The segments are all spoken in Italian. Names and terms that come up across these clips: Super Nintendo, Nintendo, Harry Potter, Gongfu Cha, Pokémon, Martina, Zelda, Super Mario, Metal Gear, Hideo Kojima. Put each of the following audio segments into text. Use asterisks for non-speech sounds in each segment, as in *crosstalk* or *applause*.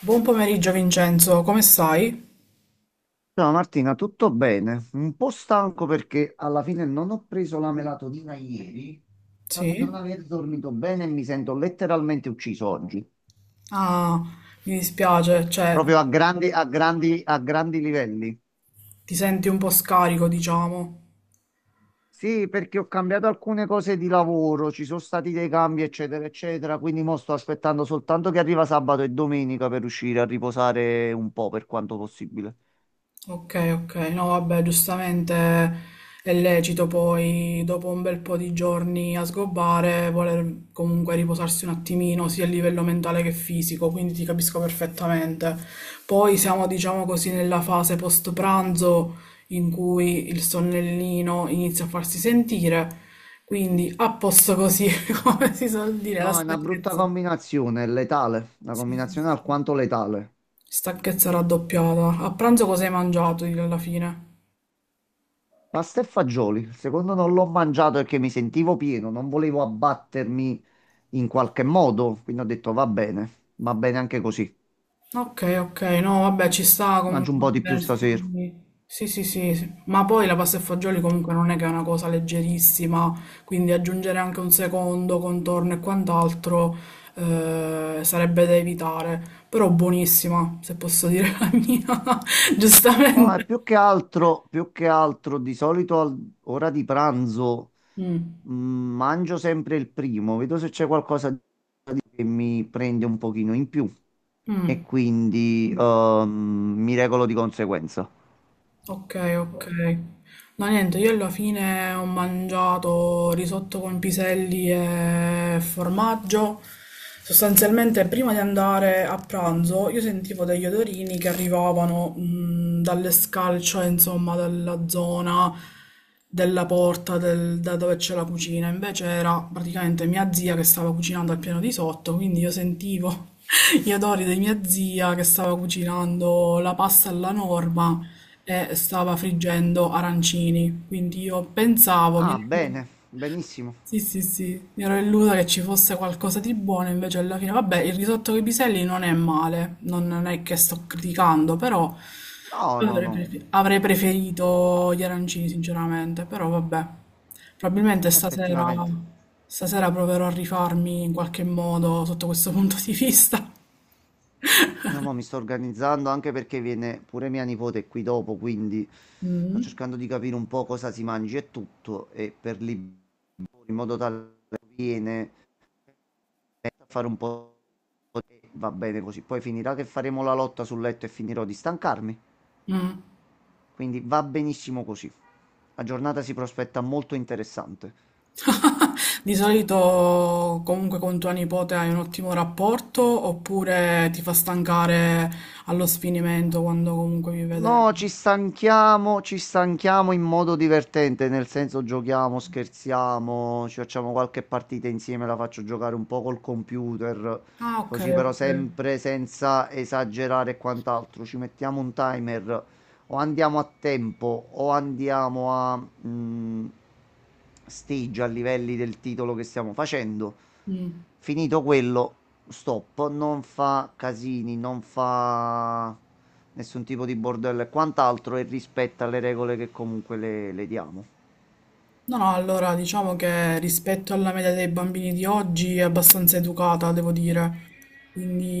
Buon pomeriggio Vincenzo, come stai? Ciao Martina, tutto bene? Un po' stanco perché alla fine non ho preso la melatonina ieri, ma di non Sì? aver dormito bene e mi sento letteralmente ucciso oggi, Ah, mi dispiace, cioè, proprio a grandi livelli. ti senti un po' scarico, diciamo. Sì, perché ho cambiato alcune cose di lavoro, ci sono stati dei cambi, eccetera, eccetera, quindi mo sto aspettando soltanto che arriva sabato e domenica per uscire a riposare un po' per quanto possibile. Okay, okay. No, vabbè, giustamente è lecito poi, dopo un bel po' di giorni a sgobbare, voler comunque riposarsi un attimino, sia a livello mentale che fisico, quindi ti capisco perfettamente. Poi siamo, diciamo così, nella fase post pranzo in cui il sonnellino inizia a farsi sentire, quindi a posto così, *laughs* come si suol dire, la No, è una brutta stanchezza. combinazione, è letale, una Sì, sì, combinazione sì. alquanto letale. Stanchezza raddoppiata. A pranzo cosa hai mangiato alla fine? Pasta e fagioli, il secondo non l'ho mangiato perché mi sentivo pieno, non volevo abbattermi in qualche modo, quindi ho detto va bene anche così, Ok, ok, no, vabbè, ci sta mangio comunque un po' di più stasera. sì, sì, sì, sì, ma poi la pasta e fagioli comunque non è che è una cosa leggerissima, quindi aggiungere anche un secondo contorno e quant'altro sarebbe da evitare, però buonissima, se posso dire la mia, *laughs* Ma è giustamente. più che altro, più che altro, di solito all'ora di pranzo Mm, mangio sempre il primo, vedo se c'è qualcosa che mi prende un pochino in più e mm. quindi mi regolo di conseguenza. Ok, ok. No, niente, io alla fine ho mangiato risotto con piselli e formaggio. Sostanzialmente, prima di andare a pranzo, io sentivo degli odorini che arrivavano dall'escalcio, insomma, dalla zona della porta da dove c'è la cucina. Invece era praticamente mia zia che stava cucinando al piano di sotto, quindi io sentivo gli odori di mia zia che stava cucinando la pasta alla norma e stava friggendo arancini. Quindi io pensavo, mi Ah, bene, benissimo. Sì, sì, sì, mi ero illusa che ci fosse qualcosa di buono, invece alla fine, vabbè, il risotto con i piselli non è male, non, non è che sto criticando, però No, no, no, avrei preferito gli arancini, sinceramente, però vabbè. Probabilmente stasera, effettivamente. stasera proverò a rifarmi in qualche modo sotto questo punto di vista. No, ma mi sto organizzando anche perché viene pure mia nipote qui dopo, quindi sto Mm. cercando di capire un po' cosa si mangi e tutto, e per lì in modo tale che viene a fare un po' e va bene così. Poi finirà che faremo la lotta sul letto e finirò di stancarmi, Mm. quindi va benissimo così. La giornata si prospetta molto interessante. *laughs* Di solito comunque con tua nipote hai un ottimo rapporto oppure ti fa stancare allo sfinimento quando comunque vi vedete? No, ci stanchiamo in modo divertente, nel senso giochiamo, scherziamo, ci facciamo qualche partita insieme, la faccio giocare un po' col computer, Ah, ok, così però ok. sempre senza esagerare e quant'altro. Ci mettiamo un timer o andiamo a tempo o andiamo a stage a livelli del titolo che stiamo facendo. Mm. Finito quello, stop, non fa casini, non fa nessun tipo di bordello e quant'altro e rispetta le regole che comunque le diamo. No, no, allora diciamo che rispetto alla media dei bambini di oggi è abbastanza educata, devo dire.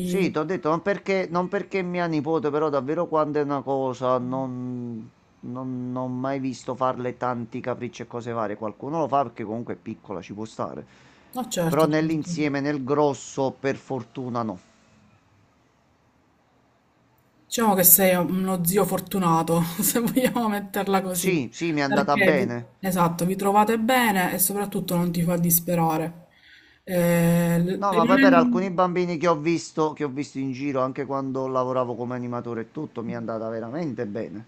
Sì, ti ho detto, non perché mia nipote, però davvero quando è una cosa, non ho mai visto farle tanti capricci e cose varie. Qualcuno lo fa perché comunque è piccola, ci può stare. no, Però certo, certo. nell'insieme, nel grosso, per fortuna no. Diciamo che sei uno zio fortunato, *laughs* se vogliamo metterla così, Sì, sì, mi è andata perché vi, bene. esatto, vi trovate bene e soprattutto non ti fa disperare. Eh, l- No, ma poi per alcuni rimanen- bambini che ho visto in giro, anche quando lavoravo come animatore e tutto, mi è andata veramente bene.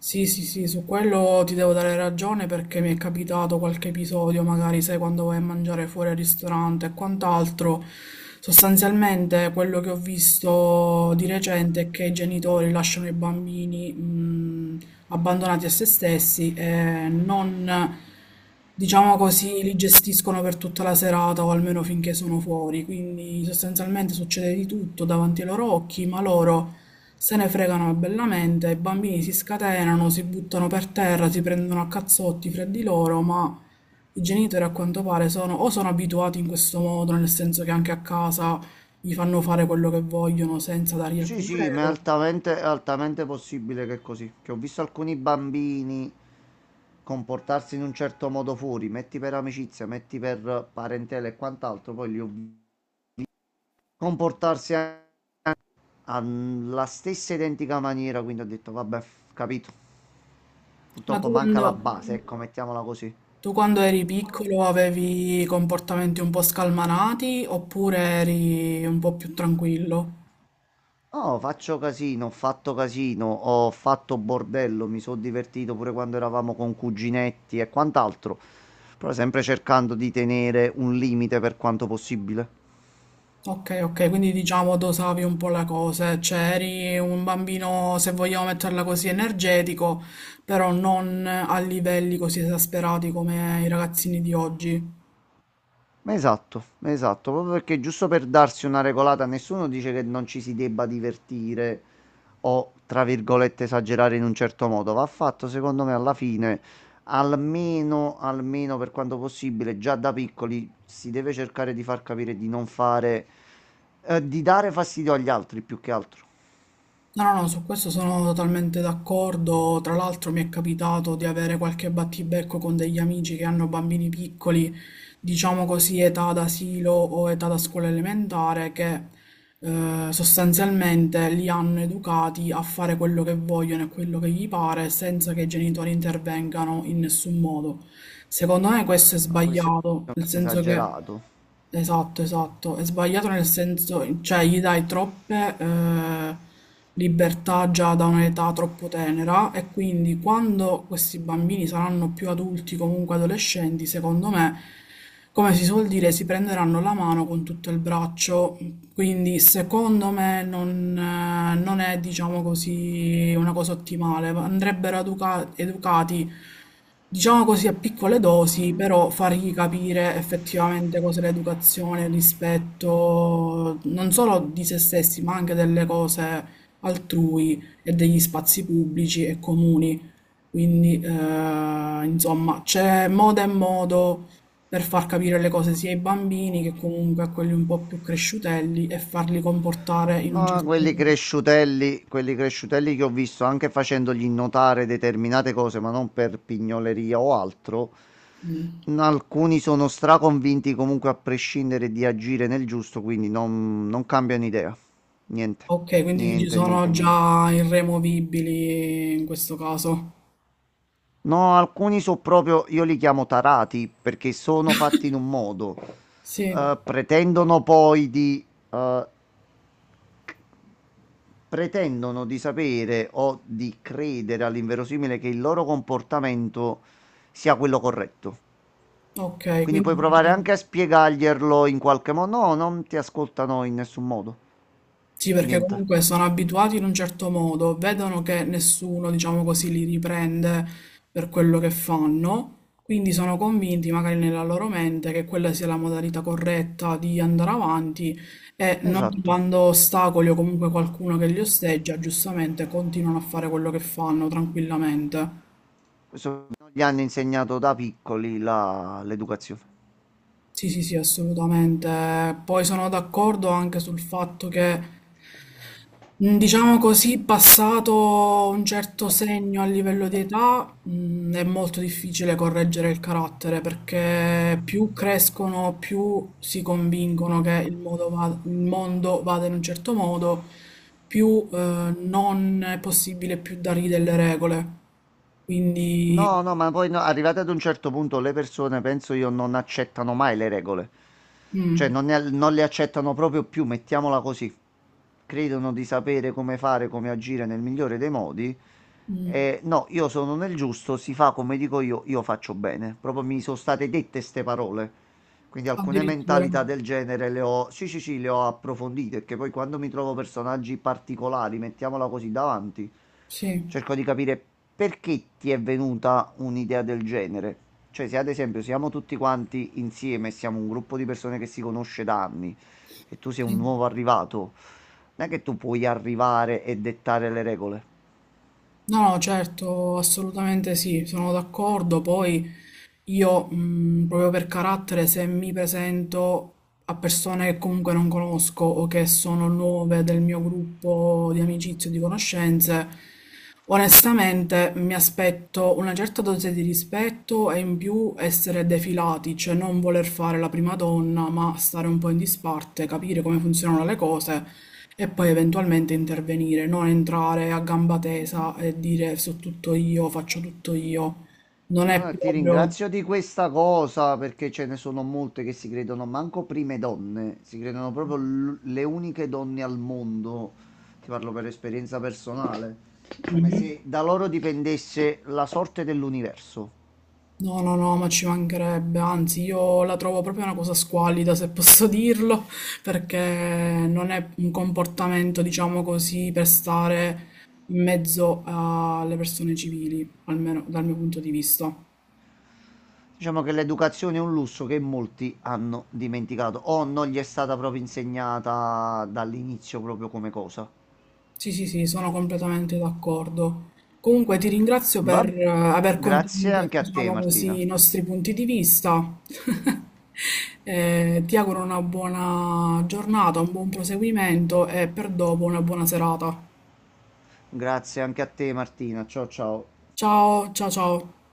Sì, sì, sì, su quello ti devo dare ragione perché mi è capitato qualche episodio, magari sai quando vai a mangiare fuori al ristorante e quant'altro. Sostanzialmente quello che ho visto di recente è che i genitori lasciano i bambini abbandonati a se stessi e non, diciamo così, li gestiscono per tutta la serata o almeno finché sono fuori. Quindi sostanzialmente succede di tutto davanti ai loro occhi, ma loro se ne fregano bellamente, i bambini si scatenano, si buttano per terra, si prendono a cazzotti fra di loro, ma i genitori a quanto pare sono o sono abituati in questo modo, nel senso che anche a casa gli fanno fare quello che vogliono senza dargli Sì, alcune sì, ma è regole. altamente, è altamente possibile che è così. Che ho visto alcuni bambini comportarsi in un certo modo fuori, metti per amicizia, metti per parentela e quant'altro, poi li ho visti comportarsi a- alla stessa identica maniera, quindi ho detto, vabbè, capito. Ma tu Purtroppo manca quando, la base, ecco, mettiamola così. tu quando eri piccolo avevi comportamenti un po' scalmanati oppure eri un po' più tranquillo? No, faccio casino, ho fatto bordello, mi sono divertito pure quando eravamo con cuginetti e quant'altro, però sempre cercando di tenere un limite per quanto possibile. Ok, ok, quindi diciamo dosavi un po' la cosa, cioè eri un bambino, se vogliamo metterla così, energetico, però non a livelli così esasperati come i ragazzini di oggi. Ma esatto, ma esatto, proprio perché giusto per darsi una regolata, nessuno dice che non ci si debba divertire o, tra virgolette, esagerare in un certo modo. Va fatto, secondo me, alla fine, almeno per quanto possibile, già da piccoli si deve cercare di far capire di non fare, di dare fastidio agli altri più che altro. No, no, no, su questo sono totalmente d'accordo. Tra l'altro mi è capitato di avere qualche battibecco con degli amici che hanno bambini piccoli, diciamo così, età d'asilo o età da scuola elementare, che sostanzialmente li hanno educati a fare quello che vogliono e quello che gli pare senza che i genitori intervengano in nessun modo. Secondo me questo è No, questo sbagliato, è nel senso che... esagerato. Esatto, esatto. È sbagliato nel senso, cioè gli dai troppe libertà già da un'età troppo tenera e quindi quando questi bambini saranno più adulti, comunque adolescenti, secondo me, come si suol dire, si prenderanno la mano con tutto il braccio. Quindi secondo me non, non è, diciamo così, una cosa ottimale. Andrebbero educati diciamo così a piccole dosi, però fargli capire effettivamente cos'è l'educazione, il rispetto non solo di se stessi, ma anche delle cose altrui e degli spazi pubblici e comuni. Quindi, insomma, c'è modo e modo per far capire le cose sia ai bambini che comunque a quelli un po' più cresciutelli e farli comportare in un No, certo quelli modo. cresciutelli, quelli cresciutelli che ho visto anche facendogli notare determinate cose, ma non per pignoleria o altro. Mm. Alcuni sono straconvinti comunque a prescindere di agire nel giusto, quindi non cambiano idea. Niente, Ok, quindi ci niente, sono niente, niente. già irremovibili in questo caso. No, alcuni sono proprio, io li chiamo tarati perché sono fatti in un modo. Sì, Eh, pretendono poi di eh, pretendono di sapere o di credere all'inverosimile che il loro comportamento sia quello corretto. ok, Quindi puoi provare anche a spiegarglielo in qualche modo. No, non ti ascoltano in nessun modo. sì, perché Niente. comunque sono abituati in un certo modo, vedono che nessuno, diciamo così, li riprende per quello che fanno, quindi sono convinti magari nella loro mente che quella sia la modalità corretta di andare avanti e non Esatto. quando ostacoli o comunque qualcuno che li osteggia, giustamente continuano a fare quello che fanno tranquillamente. Questo gli hanno insegnato da piccoli l'educazione. Sì, sì, sì, assolutamente. Poi sono d'accordo anche sul fatto che, diciamo così, passato un certo segno a livello di età, è molto difficile correggere il carattere perché più crescono, più si convincono che il il mondo vada in un certo modo, più, non è possibile più dargli delle regole. Quindi, No, no, ma poi no, arrivate ad un certo punto le persone, penso io, non accettano mai le regole. Cioè, mm, non le accettano proprio più, mettiamola così. Credono di sapere come fare, come agire nel migliore dei modi. mm, E no, io sono nel giusto, si fa come dico io faccio bene. Proprio mi sono state dette ste parole. Quindi alcune addirittura, mentalità del genere le ho, sì, sì, sì, le ho approfondite, che poi quando mi trovo personaggi particolari, mettiamola così davanti, sì. cerco di capire perché ti è venuta un'idea del genere. Cioè, se ad esempio siamo tutti quanti insieme, siamo un gruppo di persone che si conosce da anni e tu sei un Sì. nuovo arrivato, non è che tu puoi arrivare e dettare le regole. No, no, certo, assolutamente sì, sono d'accordo. Poi io, proprio per carattere, se mi presento a persone che comunque non conosco o che sono nuove del mio gruppo di amicizie o di conoscenze, onestamente mi aspetto una certa dose di rispetto e in più essere defilati, cioè non voler fare la prima donna, ma stare un po' in disparte, capire come funzionano le cose e poi eventualmente intervenire, non entrare a gamba tesa e dire so tutto io, faccio tutto io. Non è Allora, ti proprio... ringrazio di questa cosa perché ce ne sono molte che si credono manco prime donne, si credono proprio le uniche donne al mondo. Ti parlo per esperienza personale, come Mhm. se da loro dipendesse la sorte dell'universo. No, no, no, ma ci mancherebbe, anzi io la trovo proprio una cosa squallida, se posso dirlo, perché non è un comportamento, diciamo così, per stare in mezzo alle persone civili, almeno dal mio punto di vista. Diciamo che l'educazione è un lusso che molti hanno dimenticato o non gli è stata proprio insegnata dall'inizio proprio come cosa. Sì, sì, sì, sono completamente d'accordo. Comunque ti ringrazio Va- per aver Grazie condiviso, anche a te, diciamo così, Martina. i nostri punti di vista. *laughs* Ti auguro una buona giornata, un buon proseguimento e per dopo una buona serata. Grazie anche a te, Martina. Ciao ciao. Ciao, ciao, ciao.